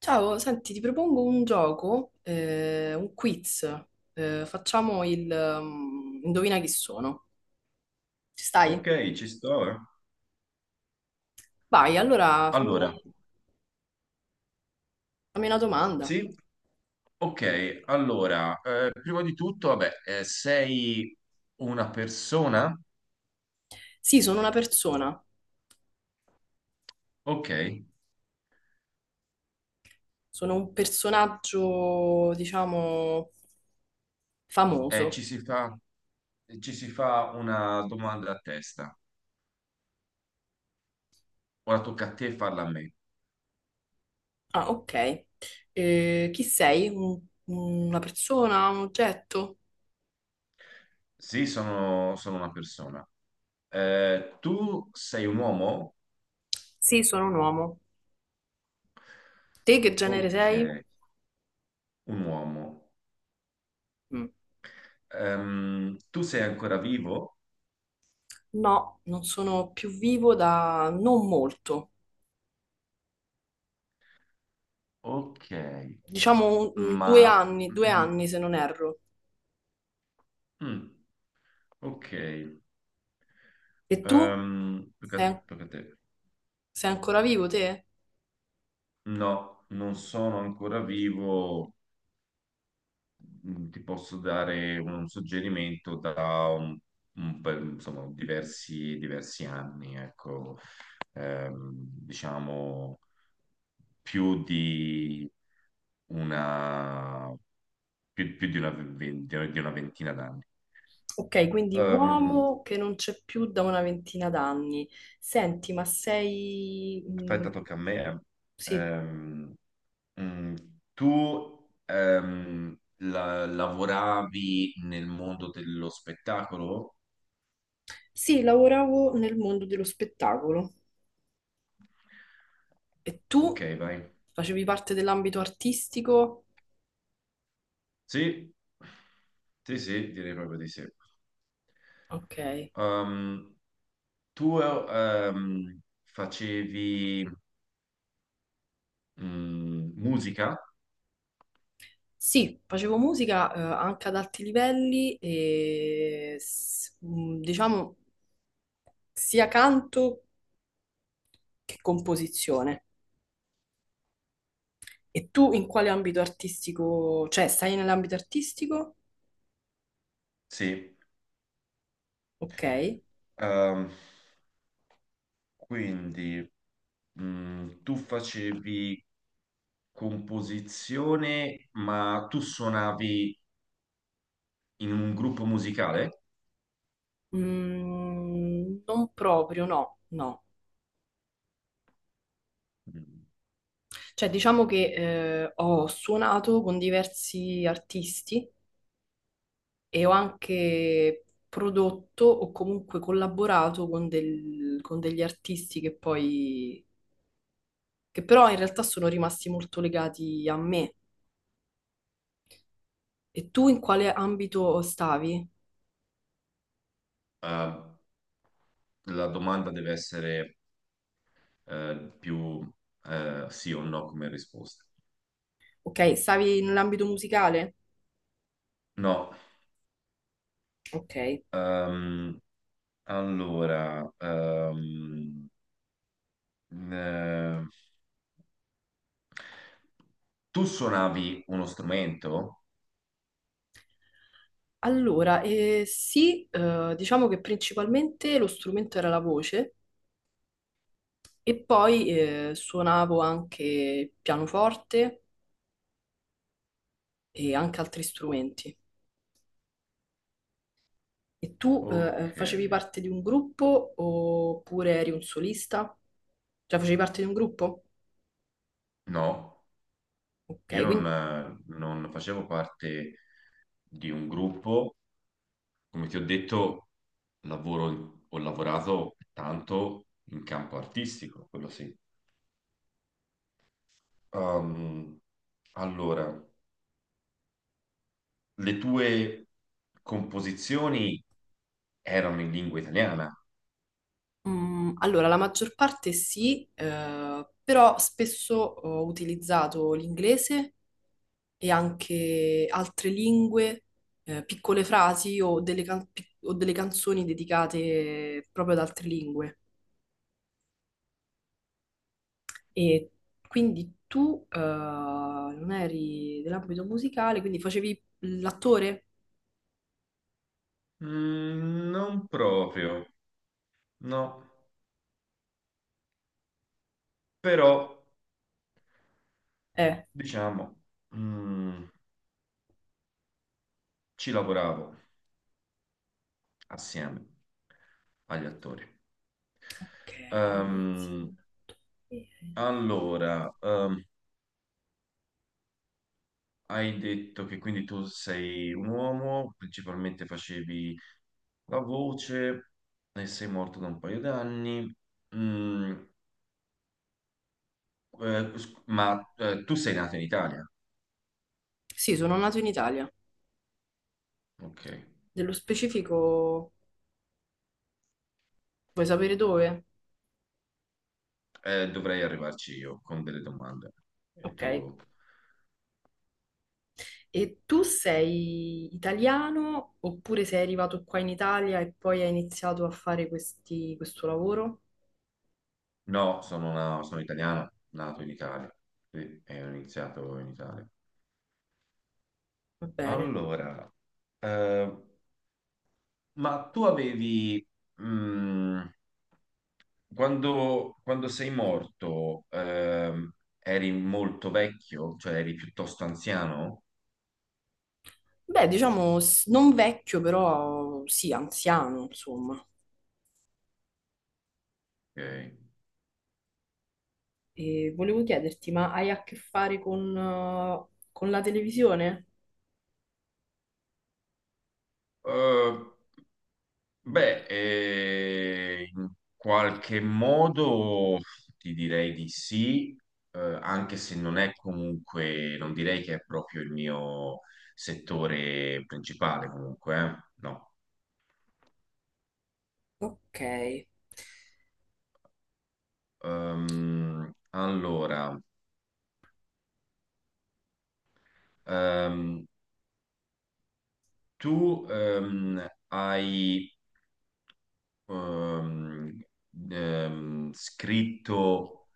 Ciao, senti, ti propongo un gioco, un quiz. Facciamo indovina chi sono. Ci stai? Ok, ci sto. Vai, Allora, fammi una domanda. sì, ok, allora, prima di tutto, vabbè, sei una persona? Sì, sono una persona, Ok, sono un personaggio, diciamo, famoso. ci si fa, ci si fa una domanda a testa. Ora tocca a te farla a me. Ah, ok. Chi sei? Una persona, un oggetto? Sì, sono una persona. Tu sei un uomo? Sì, sono un uomo. Te che genere Ok, sei? un uomo. Mm. Tu sei ancora vivo? No, non sono più vivo da non molto. Ok, Diciamo ma... due Mm, anni se non erro. mm, mm, ok. E tu? Ehm, Sei, perché- perché te- sei ancora vivo te? no, non sono ancora vivo. Mm, ti posso dare un suggerimento da insomma, diversi anni, ecco. Diciamo più di una, più di una, di una ventina d'anni. Ok, quindi Ehm, uomo che non c'è più da una ventina d'anni. Senti, ma sei... mm, aspetta, tocca a me. eh. sì. Ehm, Mm, tu lavoravi nel mondo dello spettacolo? Sì, lavoravo nel mondo dello spettacolo. E tu Ok, vai. facevi parte dell'ambito artistico? Sì, sì, direi proprio di sì. Ok. Um, tu facevi musica? Sì, facevo musica, anche ad alti livelli e diciamo sia canto che composizione. E tu in quale ambito artistico, cioè stai nell'ambito artistico? Sì. Ok. Um, quindi tu facevi composizione, ma tu suonavi in un gruppo musicale? Mm, non proprio, no, no. Mm. Cioè diciamo che ho suonato con diversi artisti e ho anche prodotto o comunque collaborato con, con degli artisti che però in realtà sono rimasti molto legati a me. E tu in quale ambito stavi? Eh, la domanda deve essere più sì o no come risposta. Ok, stavi nell'ambito musicale? No, Ok. ehm, allora, eh, tu suonavi uno strumento? Allora, sì, diciamo che principalmente lo strumento era la voce e poi suonavo anche pianoforte e anche altri strumenti. E tu, Ok, facevi parte di un gruppo oppure eri un solista? Cioè facevi parte di un gruppo? no, Ok, io non, quindi non facevo parte di un gruppo, come ti ho detto, lavoro, ho lavorato tanto in campo artistico, quello sì. Ehm, allora, le tue composizioni erano in lingua italiana? mm, allora, la maggior parte sì, però spesso ho utilizzato l'inglese e anche altre lingue, piccole frasi o delle, o delle canzoni dedicate proprio ad altre lingue. E quindi tu, non eri dell'ambito musicale, quindi facevi l'attore? Mm, non proprio, no, però Eh, diciamo, mm, ci lavoravo assieme agli attori. ok, lavorare Ehm, insieme all'attore. allora, hai detto che quindi tu sei un uomo, principalmente facevi la voce e sei morto da un paio d'anni. Mm, ma tu sei nato in Italia? Sì, sono nato in Italia. Ok. Nello specifico, vuoi sapere dove? Dovrei arrivarci io con delle domande. E Ok. tu? E tu sei italiano oppure sei arrivato qua in Italia e poi hai iniziato a fare questo lavoro? No, sono italiano, nato in Italia. Sì, e ho iniziato in Italia. Va bene. Allora, eh, ma tu avevi, mm, quando sei morto, eri molto vecchio, cioè eri piuttosto anziano? Beh, diciamo non vecchio, però sì, anziano, insomma. Ok. E volevo chiederti, ma hai a che fare con la televisione? Eh, beh, in qualche modo ti direi di sì, anche se non è comunque, non direi che è proprio il mio settore principale comunque, no. Ok. Allora, ehm, tu hai ehm, scritto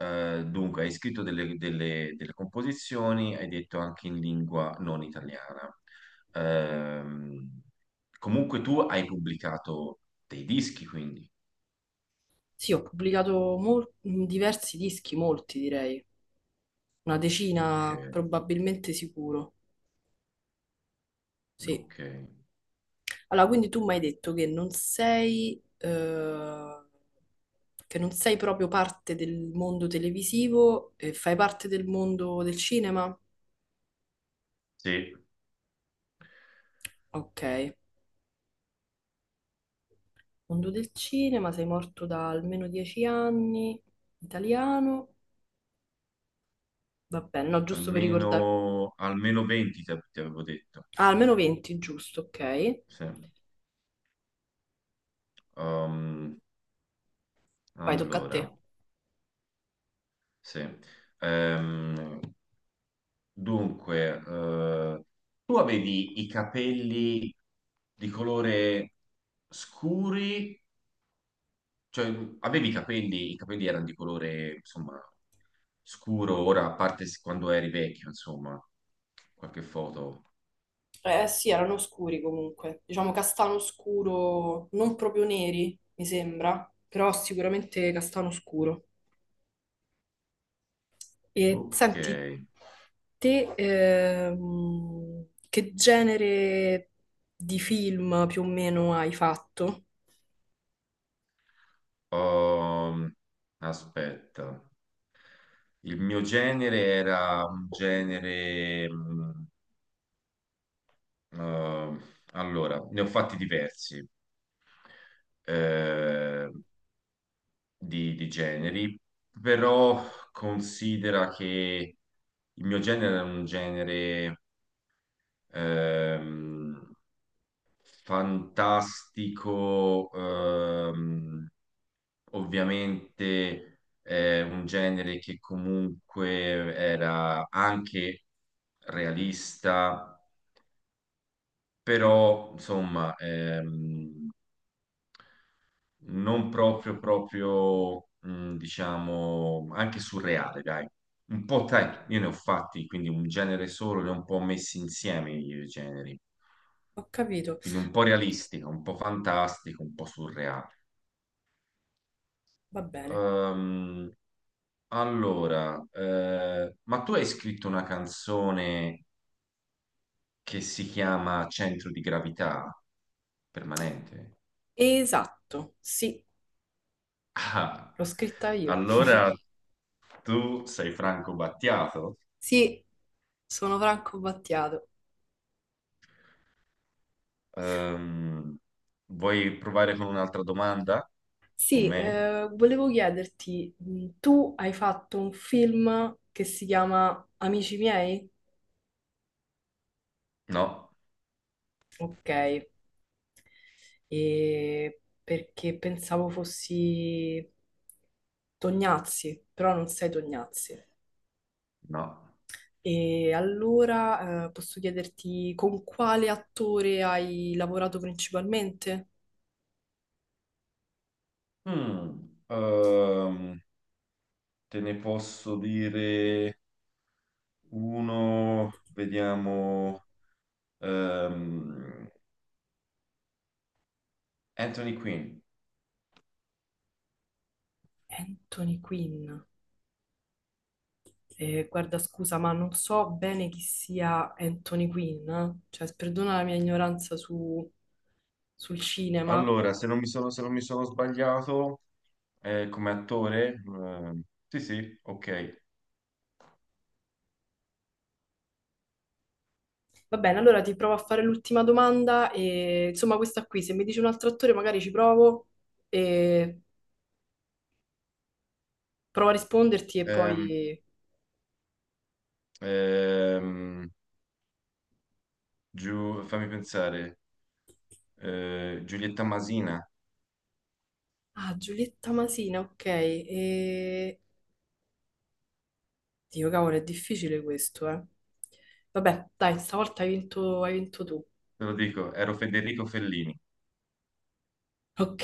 eh, dunque, hai scritto delle composizioni, hai detto anche in lingua non italiana. Ehm, comunque tu hai pubblicato dei dischi, quindi. Sì, ho pubblicato diversi dischi, molti direi, una Ok, decina probabilmente sicuro. Sì. ok. Allora, quindi tu mi hai detto che non sei proprio parte del mondo televisivo, e fai parte del mondo del cinema? Sì, Ok, mondo del cinema, sei morto da almeno 10 anni, italiano, va bene, no, giusto per ricordare. Almeno 20 ti avevo detto. Ah, almeno 20, giusto, ok. Sì. Ehm, Vai, tocca a te. allora, sì. Ehm, dunque, tu avevi i capelli di colore scuri. Cioè, avevi i capelli erano di colore, insomma, scuro, ora, a parte quando eri vecchio, insomma, qualche foto. Eh sì, erano scuri comunque, diciamo castano scuro, non proprio neri, mi sembra, però sicuramente castano scuro. E Ok. senti, te che genere di film più o meno hai fatto? Um, aspetta. Il mio genere era un genere... eh, allora, ne ho fatti diversi eh, di generi, però considera che il mio genere era un genere... ehm, fantastico, ovviamente è un genere che comunque era anche realista, però insomma non proprio, diciamo, anche surreale, dai. Un po', dai, io ne ho fatti, quindi un genere solo, li ho un po' messi insieme i generi, Ho capito. quindi un po' realistico, un po' fantastico, un po' surreale. Va bene. Ehm, allora, ma tu hai scritto una canzone che si chiama Centro di gravità permanente? Esatto, sì, Ah, l'ho scritta io. allora tu sei Franco Battiato? Sì, sono Franco Battiato. Ehm, vuoi provare con un'altra domanda? Con Sì, me? Volevo chiederti, tu hai fatto un film che si chiama Amici miei? No, Ok, e perché pensavo fossi Tognazzi, però non sei Tognazzi. no. E allora, posso chiederti con quale attore hai lavorato principalmente? Mm, te ne posso dire uno, vediamo. ehm, Anthony Quinn. Anthony Quinn. Guarda, scusa, ma non so bene chi sia Anthony Quinn, eh. Cioè, perdona la mia ignoranza sul cinema. Allora, se non mi sono sbagliato, come attore, sì, sì, ok. Va bene, allora ti provo a fare l'ultima domanda e insomma questa qui, se mi dici un altro attore magari ci provo e provo a risponderti e Ehm, poi... ehm, giù, fammi pensare, Giulietta Masina, Ah, Giulietta Masina, ok. E... Dio, cavolo, è difficile questo, eh. Vabbè, dai, stavolta hai vinto tu. te lo dico, ero Federico Fellini. Ok.